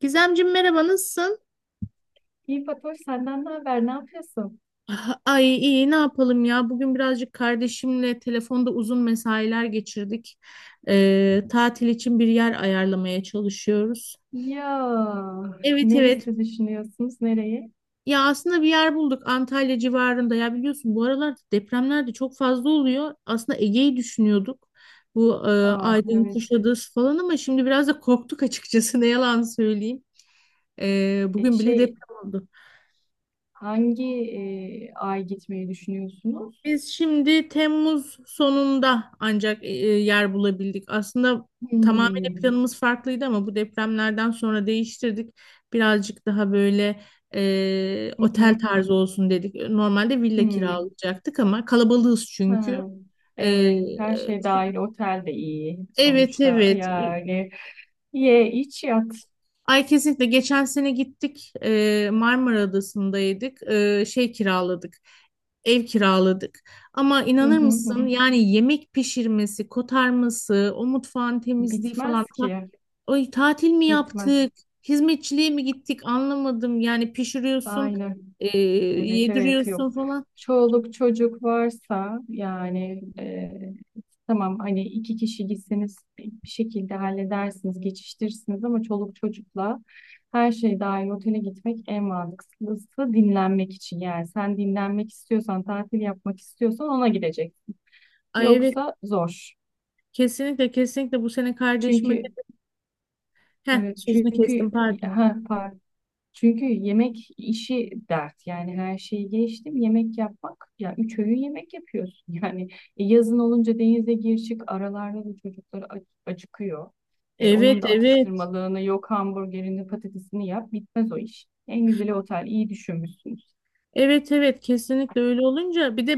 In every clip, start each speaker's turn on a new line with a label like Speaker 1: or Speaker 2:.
Speaker 1: Gizemciğim, merhaba, nasılsın?
Speaker 2: İyi Fatoş senden ne haber? Ne yapıyorsun?
Speaker 1: Ah, ay, iyi. Ne yapalım ya, bugün birazcık kardeşimle telefonda uzun mesailer geçirdik. Tatil için bir yer ayarlamaya çalışıyoruz.
Speaker 2: Ya
Speaker 1: Evet, evet.
Speaker 2: neresi düşünüyorsunuz? Nereye?
Speaker 1: Ya aslında bir yer bulduk Antalya civarında. Ya biliyorsun, bu aralar depremler de çok fazla oluyor. Aslında Ege'yi düşünüyorduk, bu
Speaker 2: Aa,
Speaker 1: Aydın,
Speaker 2: evet.
Speaker 1: Kuşadası falan, ama şimdi biraz da korktuk açıkçası ne yalan söyleyeyim.
Speaker 2: E,
Speaker 1: Bugün bile
Speaker 2: şey
Speaker 1: deprem oldu.
Speaker 2: hangi ay gitmeyi düşünüyorsunuz?
Speaker 1: Biz şimdi Temmuz sonunda ancak yer bulabildik. Aslında tamamıyla
Speaker 2: Hmm.
Speaker 1: planımız farklıydı ama bu depremlerden sonra değiştirdik. Birazcık daha böyle
Speaker 2: Hı hı.
Speaker 1: otel tarzı olsun dedik. Normalde villa
Speaker 2: Hmm.
Speaker 1: kiralayacaktık ama kalabalığız çünkü.
Speaker 2: Ha.
Speaker 1: E,
Speaker 2: Evet. Her şey dahil otel de iyi
Speaker 1: evet,
Speaker 2: sonuçta.
Speaker 1: evet.
Speaker 2: Yani ye iç yat.
Speaker 1: Ay kesinlikle, geçen sene gittik, Marmara Adası'ndaydık. E, şey kiraladık Ev kiraladık ama
Speaker 2: Hı
Speaker 1: inanır
Speaker 2: hı hı.
Speaker 1: mısın, yani yemek pişirmesi, kotarması, o mutfağın temizliği falan.
Speaker 2: Bitmez ki.
Speaker 1: Ay, tatil mi
Speaker 2: Bitmez.
Speaker 1: yaptık? Hizmetçiliğe mi gittik? Anlamadım. Yani pişiriyorsun,
Speaker 2: Aynen. Evet evet
Speaker 1: yediriyorsun
Speaker 2: yok.
Speaker 1: falan.
Speaker 2: Çoluk çocuk varsa yani e, Tamam hani iki kişi gitseniz bir şekilde halledersiniz, geçiştirirsiniz ama çoluk çocukla her şey dahil otele gitmek en mantıklısı dinlenmek için. Yani sen dinlenmek istiyorsan, tatil yapmak istiyorsan ona gideceksin.
Speaker 1: Ay evet,
Speaker 2: Yoksa zor.
Speaker 1: kesinlikle kesinlikle bu sene kardeşime
Speaker 2: Çünkü
Speaker 1: de... Heh,
Speaker 2: evet
Speaker 1: sözünü kestim,
Speaker 2: çünkü
Speaker 1: pardon.
Speaker 2: Ha, pardon. Çünkü yemek işi dert yani her şeyi geçtim yemek yapmak ya üç öğün yemek yapıyorsun yani yazın olunca denize gir çık aralarda da çocuklar acıkıyor.
Speaker 1: Evet,
Speaker 2: Onun da
Speaker 1: evet.
Speaker 2: atıştırmalığını yok hamburgerini patatesini yap bitmez o iş. En güzeli otel iyi düşünmüşsünüz.
Speaker 1: Evet, evet, kesinlikle öyle olunca bir de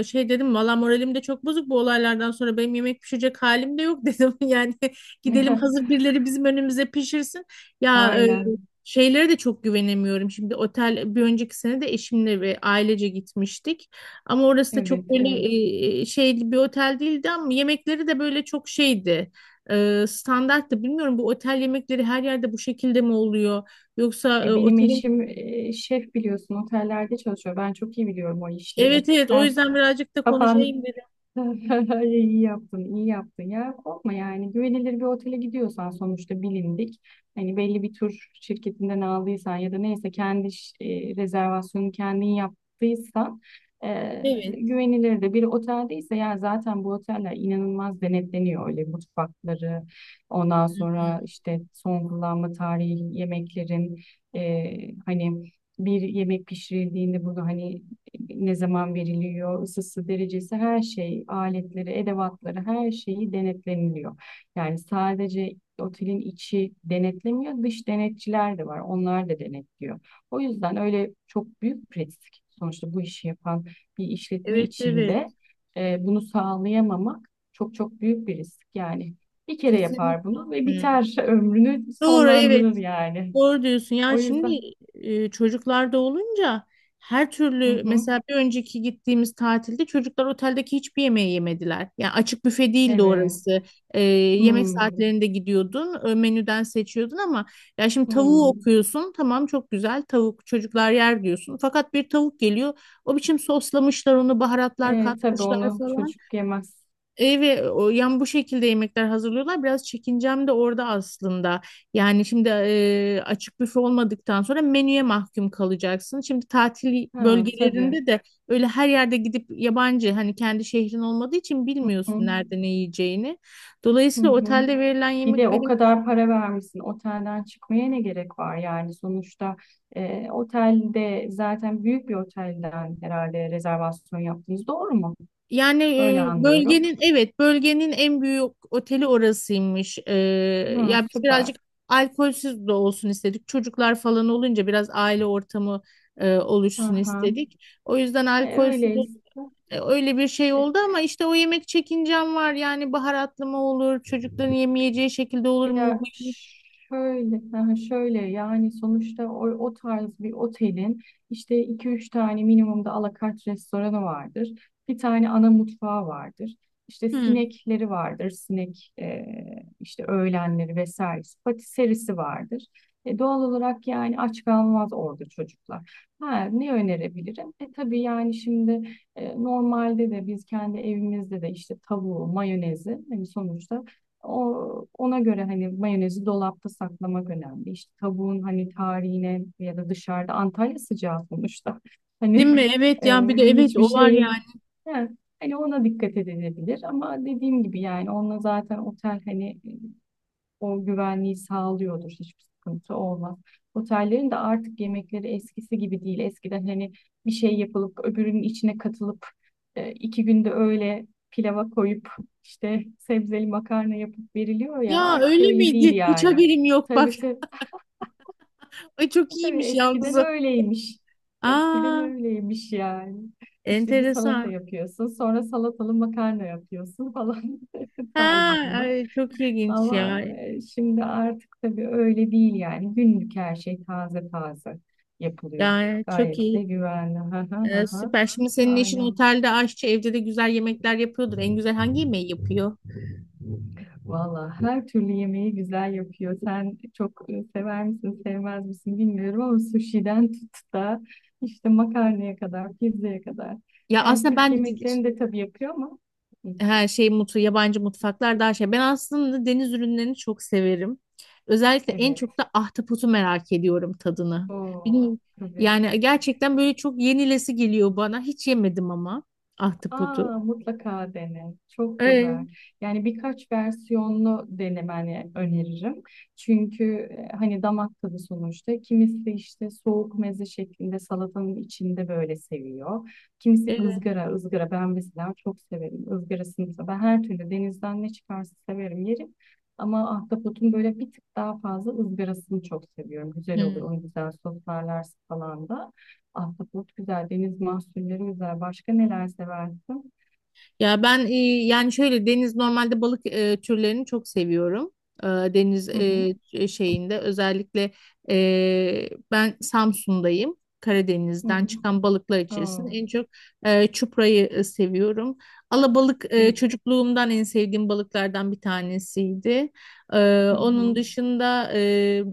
Speaker 1: şey dedim, valla moralim de çok bozuk bu olaylardan sonra, benim yemek pişirecek halim de yok dedim yani gidelim, hazır birileri bizim önümüze pişirsin. Ya
Speaker 2: Aynen
Speaker 1: şeylere de çok güvenemiyorum şimdi otel. Bir önceki sene de eşimle ve ailece gitmiştik ama orası da
Speaker 2: evet
Speaker 1: çok böyle
Speaker 2: evet.
Speaker 1: şey bir otel değildi, ama yemekleri de böyle çok şeydi, standarttı. Bilmiyorum, bu otel yemekleri her yerde bu şekilde mi oluyor yoksa
Speaker 2: Benim
Speaker 1: otelin...
Speaker 2: eşim şef biliyorsun otellerde çalışıyor ben çok iyi biliyorum o işleri.
Speaker 1: Evet, evet, o
Speaker 2: Sen
Speaker 1: yüzden birazcık da konuşayım
Speaker 2: kapan.
Speaker 1: dedim.
Speaker 2: İyi yaptın, iyi yaptın ya. Korkma yani güvenilir bir otele gidiyorsan sonuçta bilindik. Hani belli bir tur şirketinden aldıysan ya da neyse kendi rezervasyonu kendin yaptıysan e,
Speaker 1: Evet.
Speaker 2: güvenilir de bir oteldeyse ya zaten bu oteller inanılmaz denetleniyor öyle mutfakları ondan sonra
Speaker 1: Hı.
Speaker 2: işte son kullanma tarihi yemeklerin e, hani bir yemek pişirildiğinde bunu hani ne zaman veriliyor, ısısı, derecesi, her şey, aletleri, edevatları, her şeyi denetleniliyor. Yani sadece otelin içi denetlemiyor, dış denetçiler de var, onlar da denetliyor. O yüzden öyle çok büyük risk sonuçta bu işi yapan bir işletme
Speaker 1: Evet, evet.
Speaker 2: içinde bunu sağlayamamak çok büyük bir risk. Yani bir kere yapar
Speaker 1: Kesinlikle.
Speaker 2: bunu ve
Speaker 1: Hı.
Speaker 2: biter ömrünü
Speaker 1: Doğru, evet.
Speaker 2: sonlandırır yani.
Speaker 1: Doğru diyorsun.
Speaker 2: O
Speaker 1: Ya şimdi
Speaker 2: yüzden.
Speaker 1: çocuklarda olunca her
Speaker 2: Hı
Speaker 1: türlü,
Speaker 2: hı.
Speaker 1: mesela bir önceki gittiğimiz tatilde çocuklar oteldeki hiçbir yemeği yemediler. Yani açık büfe değildi
Speaker 2: Evet.
Speaker 1: orası. Yemek
Speaker 2: Hmm.
Speaker 1: saatlerinde gidiyordun, menüden seçiyordun ama ya şimdi tavuğu
Speaker 2: Hmm.
Speaker 1: okuyorsun. Tamam, çok güzel tavuk, çocuklar yer diyorsun. Fakat bir tavuk geliyor, o biçim soslamışlar onu, baharatlar
Speaker 2: Tabii
Speaker 1: katmışlar
Speaker 2: onu
Speaker 1: falan.
Speaker 2: çocuk yemez.
Speaker 1: Evet, o, yani bu şekilde yemekler hazırlıyorlar. Biraz çekincem de orada aslında. Yani şimdi açık büfe olmadıktan sonra menüye mahkum kalacaksın. Şimdi tatil
Speaker 2: Ha, tabii.
Speaker 1: bölgelerinde de öyle, her yerde gidip yabancı, hani kendi şehrin olmadığı için
Speaker 2: Hı,
Speaker 1: bilmiyorsun nerede ne yiyeceğini.
Speaker 2: hı,
Speaker 1: Dolayısıyla
Speaker 2: hı.
Speaker 1: otelde verilen
Speaker 2: Bir de
Speaker 1: yemek
Speaker 2: o
Speaker 1: benim...
Speaker 2: kadar para vermişsin. Otelden çıkmaya ne gerek var? Yani sonuçta otelde zaten büyük bir otelden herhalde rezervasyon yaptınız. Doğru mu?
Speaker 1: Yani
Speaker 2: Öyle anlıyorum.
Speaker 1: bölgenin, evet, bölgenin en büyük oteli orasıymış.
Speaker 2: Ha
Speaker 1: Ya biz
Speaker 2: süper.
Speaker 1: birazcık alkolsüz de olsun istedik. Çocuklar falan olunca biraz aile ortamı oluşsun
Speaker 2: Aha.
Speaker 1: istedik. O yüzden
Speaker 2: E,
Speaker 1: alkolsüz
Speaker 2: öyleyse.
Speaker 1: öyle bir şey oldu, ama işte o yemek çekincem var. Yani baharatlı mı olur? Çocukların yemeyeceği şekilde olur mu? Bu
Speaker 2: Ya
Speaker 1: yemek-.
Speaker 2: şöyle, ha şöyle yani sonuçta o tarz bir otelin işte iki üç tane minimumda alakart restoranı vardır. Bir tane ana mutfağı vardır. İşte
Speaker 1: Hı,
Speaker 2: sinekleri vardır. İşte öğlenleri vesairesi. Patiserisi vardır. Doğal olarak yani aç kalmaz orada çocuklar. Ha, ne önerebilirim? E tabii yani şimdi normalde de biz kendi evimizde de işte tavuğu, mayonezi hani sonuçta ona göre hani mayonezi dolapta saklamak önemli. İşte tavuğun hani tarihine ya da dışarıda Antalya sıcağı sonuçta.
Speaker 1: değil mi?
Speaker 2: Hani
Speaker 1: Evet,
Speaker 2: e,
Speaker 1: ya bir de evet,
Speaker 2: hiçbir
Speaker 1: o var
Speaker 2: şey.
Speaker 1: yani.
Speaker 2: Ha, hani ona dikkat edilebilir ama dediğim gibi yani onunla zaten otel hani o güvenliği sağlıyordur. Hiçbir sıkıntı olmaz. Otellerin de artık yemekleri eskisi gibi değil. Eskiden hani bir şey yapılıp öbürünün içine katılıp iki günde öyle pilava koyup işte sebzeli makarna yapıp veriliyor ya
Speaker 1: Ya
Speaker 2: artık
Speaker 1: öyle
Speaker 2: öyle değil
Speaker 1: miydi? Hiç
Speaker 2: yani.
Speaker 1: haberim yok bak.
Speaker 2: Tabii tabii,
Speaker 1: Ay, çok
Speaker 2: tabii
Speaker 1: iyiymiş yalnız.
Speaker 2: eskiden
Speaker 1: O.
Speaker 2: öyleymiş. Eskiden
Speaker 1: Aa,
Speaker 2: öyleymiş yani. İşte bir salata
Speaker 1: enteresan.
Speaker 2: yapıyorsun, sonra salatalı makarna yapıyorsun falan
Speaker 1: Ha,
Speaker 2: tarzında.
Speaker 1: ay, çok ilginç
Speaker 2: Ama
Speaker 1: ya.
Speaker 2: şimdi artık tabii öyle değil yani. Günlük her şey taze yapılıyor.
Speaker 1: Ya çok
Speaker 2: Gayet
Speaker 1: iyi.
Speaker 2: de güvenli. Ha ha ha ha.
Speaker 1: Süper. Şimdi senin eşin
Speaker 2: Aynen.
Speaker 1: otelde aşçı, evde de güzel yemekler yapıyordur. En güzel hangi yemeği yapıyor?
Speaker 2: Valla her türlü yemeği güzel yapıyor. Sen çok sever misin, sevmez misin bilmiyorum ama sushi'den tut da işte makarnaya kadar, pizzaya kadar.
Speaker 1: Ya
Speaker 2: Yani
Speaker 1: aslında
Speaker 2: Türk
Speaker 1: ben
Speaker 2: yemeklerini de tabii yapıyor ama hı,
Speaker 1: her şey mutlu, yabancı mutfaklar daha şey. Ben aslında deniz ürünlerini çok severim. Özellikle en
Speaker 2: evet.
Speaker 1: çok da ahtapotu merak ediyorum tadını.
Speaker 2: O
Speaker 1: Bilmiyorum.
Speaker 2: tabii.
Speaker 1: Yani gerçekten böyle çok yenilesi geliyor bana. Hiç yemedim ama ahtapotu.
Speaker 2: Aa, mutlaka dene. Çok
Speaker 1: Evet.
Speaker 2: güzel. Yani birkaç versiyonlu denemeni öneririm. Çünkü hani damak tadı sonuçta. Kimisi işte soğuk meze şeklinde salatanın içinde böyle seviyor. Kimisi ızgara, ızgara. Ben mesela çok severim ızgarasını. Mesela. Ben her türlü denizden ne çıkarsa severim yerim. Ama ahtapotun böyle bir tık daha fazla ızgarasını çok seviyorum. Güzel
Speaker 1: Evet.
Speaker 2: oluyor. Onu güzel soslarlar falan da. Ahtapot güzel, deniz mahsulleri güzel. Başka neler seversin?
Speaker 1: Ya ben yani şöyle deniz normalde balık türlerini çok seviyorum. Deniz
Speaker 2: Hı hı.
Speaker 1: şeyinde özellikle ben Samsun'dayım.
Speaker 2: Hı
Speaker 1: Karadeniz'den
Speaker 2: hı.
Speaker 1: çıkan balıklar içerisinde
Speaker 2: Oo.
Speaker 1: en çok çuprayı seviyorum. Alabalık çocukluğumdan en sevdiğim balıklardan bir tanesiydi. E,
Speaker 2: Hı
Speaker 1: Onun
Speaker 2: hı.
Speaker 1: dışında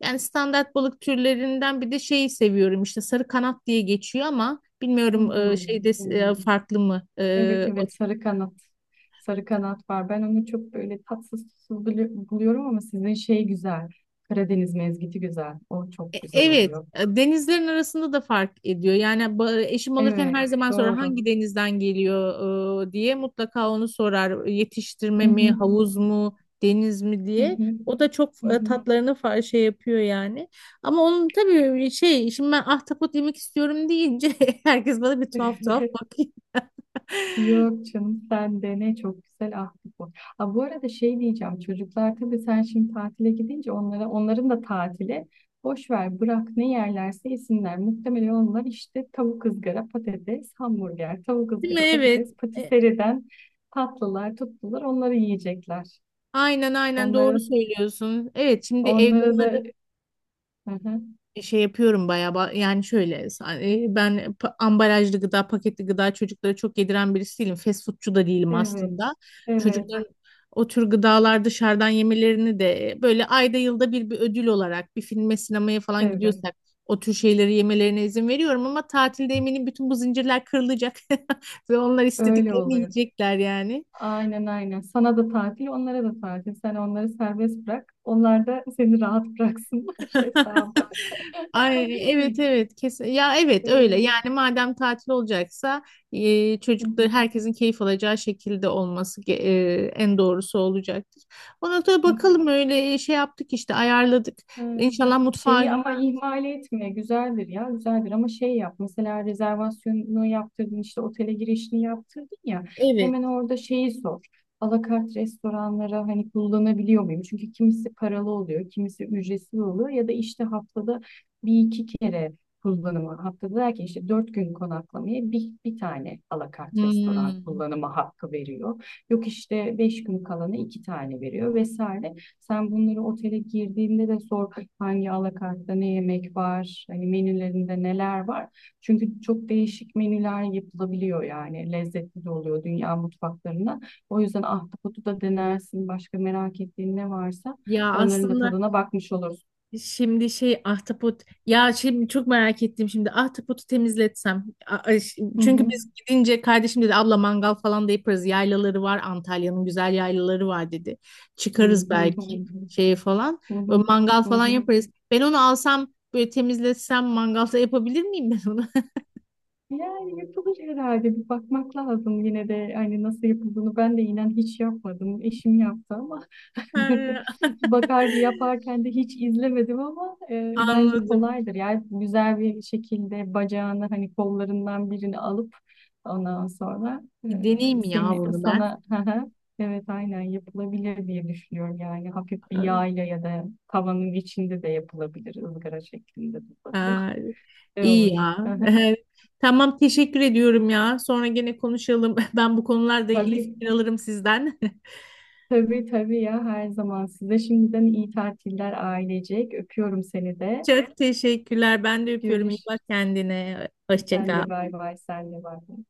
Speaker 1: yani standart balık türlerinden bir de şeyi seviyorum, işte sarı kanat diye geçiyor ama bilmiyorum
Speaker 2: Hmm,
Speaker 1: şeyde
Speaker 2: hmm.
Speaker 1: farklı mı?
Speaker 2: Evet evet sarı kanat. Sarı kanat var. Ben onu çok böyle tatsız tuzsuz buluyorum ama sizin şey güzel. Karadeniz mezgiti güzel. O çok güzel
Speaker 1: Evet,
Speaker 2: oluyor.
Speaker 1: denizlerin arasında da fark ediyor. Yani eşim alırken her
Speaker 2: Evet
Speaker 1: zaman sorar
Speaker 2: doğru.
Speaker 1: hangi denizden geliyor diye, mutlaka onu sorar. Yetiştirme
Speaker 2: Hı
Speaker 1: mi,
Speaker 2: hı.
Speaker 1: havuz mu, deniz mi
Speaker 2: Hı
Speaker 1: diye.
Speaker 2: hı.
Speaker 1: O da çok
Speaker 2: Hı hı.
Speaker 1: tatlarını şey yapıyor yani. Ama onun tabii şey, şimdi ben ahtapot yemek istiyorum deyince herkes bana bir tuhaf tuhaf bakıyor.
Speaker 2: Yok canım sen de ne çok güzel ahtapot bu. Aa, bu arada şey diyeceğim çocuklar tabii sen şimdi tatile gidince onlara onların da tatili boş ver bırak ne yerlerse yesinler. Muhtemelen onlar işte tavuk ızgara patates hamburger tavuk
Speaker 1: Değil mi?
Speaker 2: ızgara
Speaker 1: Evet.
Speaker 2: patates
Speaker 1: E,
Speaker 2: patiseriden tatlılar tuttular onları yiyecekler.
Speaker 1: Aynen, aynen,
Speaker 2: Onlara
Speaker 1: doğru söylüyorsun. Evet, şimdi evde
Speaker 2: onlara da. Hı hı.
Speaker 1: şey yapıyorum bayağı, yani şöyle ben ambalajlı gıda, paketli gıda çocuklara çok yediren birisi değilim, fast foodçu da değilim
Speaker 2: Evet
Speaker 1: aslında.
Speaker 2: evet
Speaker 1: Çocukların o tür gıdalar dışarıdan yemelerini de böyle ayda yılda bir, bir ödül olarak bir filme, sinemaya falan
Speaker 2: tabii
Speaker 1: gidiyorsak o tür şeyleri yemelerine izin veriyorum, ama tatilde eminim bütün bu zincirler kırılacak ve onlar
Speaker 2: öyle
Speaker 1: istediklerini
Speaker 2: oluyor.
Speaker 1: yiyecekler yani.
Speaker 2: Aynen aynen. Sana da tatil, onlara da tatil. Sen onları serbest bırak. Onlar da seni rahat bıraksınlar hesabı.
Speaker 1: Ay evet, evet, kesin ya, evet öyle.
Speaker 2: Ee,
Speaker 1: Yani madem tatil olacaksa çocukları
Speaker 2: hı
Speaker 1: herkesin keyif alacağı şekilde olması en doğrusu olacaktır. Ona da
Speaker 2: hı.
Speaker 1: bakalım, öyle şey yaptık işte, ayarladık.
Speaker 2: Ee,
Speaker 1: İnşallah mutfağa
Speaker 2: Şeyi ama
Speaker 1: güzel.
Speaker 2: ihmal etme güzeldir ya güzeldir ama şey yap mesela rezervasyonunu yaptırdın işte otele girişini yaptırdın ya
Speaker 1: Evet.
Speaker 2: hemen orada şeyi sor alakart restoranlara hani kullanabiliyor muyum çünkü kimisi paralı oluyor kimisi ücretsiz oluyor ya da işte haftada bir iki kere kullanımı haftada derken işte dört gün konaklamaya bir tane alakart restoran
Speaker 1: Hmm.
Speaker 2: kullanımı hakkı veriyor yok işte beş gün kalana iki tane veriyor vesaire sen bunları otele girdiğinde de sor hangi alakartta ne yemek var, hani menülerinde neler var. Çünkü çok değişik menüler yapılabiliyor yani lezzetli de oluyor dünya mutfaklarına. O yüzden ahtapotu da denersin, başka merak ettiğin ne varsa
Speaker 1: Ya
Speaker 2: onların da
Speaker 1: aslında.
Speaker 2: tadına bakmış olursun.
Speaker 1: Şimdi şey, ahtapot, ya şimdi çok merak ettim. Şimdi ahtapotu temizletsem,
Speaker 2: Hı hı.
Speaker 1: çünkü biz gidince kardeşim dedi, abla mangal falan da yaparız, yaylaları var Antalya'nın, güzel yaylaları var dedi,
Speaker 2: Hı
Speaker 1: çıkarız
Speaker 2: hı hı
Speaker 1: belki
Speaker 2: hı.
Speaker 1: şeye falan.
Speaker 2: Hı hı.
Speaker 1: O mangal
Speaker 2: Hı
Speaker 1: falan
Speaker 2: hı.
Speaker 1: yaparız, ben onu alsam böyle temizletsem mangalda yapabilir miyim ben onu?
Speaker 2: Yani yapılır herhalde bir bakmak lazım yine de hani nasıl yapıldığını ben de inan hiç yapmadım. Eşim yaptı ama
Speaker 1: Ha,
Speaker 2: bakar ki yaparken de hiç izlemedim ama bence
Speaker 1: anladım.
Speaker 2: kolaydır. Yani güzel bir şekilde bacağını hani kollarından birini alıp ondan sonra e,
Speaker 1: Bir deneyeyim ya
Speaker 2: seni
Speaker 1: bunu ben.
Speaker 2: sana hı hı, evet aynen yapılabilir diye düşünüyorum. Yani hafif bir yağ ile ya da tavanın içinde de yapılabilir ızgara şeklinde de olabilir.
Speaker 1: Ha,
Speaker 2: Ne
Speaker 1: iyi
Speaker 2: olur.
Speaker 1: ya.
Speaker 2: Hı hı.
Speaker 1: Tamam, teşekkür ediyorum ya. Sonra gene konuşalım. Ben bu konularla ilgili
Speaker 2: Tabii.
Speaker 1: fikir alırım sizden.
Speaker 2: Tabii tabii ya her zaman. Size şimdiden iyi tatiller ailecek. Öpüyorum seni de.
Speaker 1: Çok teşekkürler. Ben de öpüyorum. İyi bak
Speaker 2: Görüşürüz.
Speaker 1: kendine. Hoşça
Speaker 2: Sen de
Speaker 1: kal.
Speaker 2: bay bay, sen de bay bay.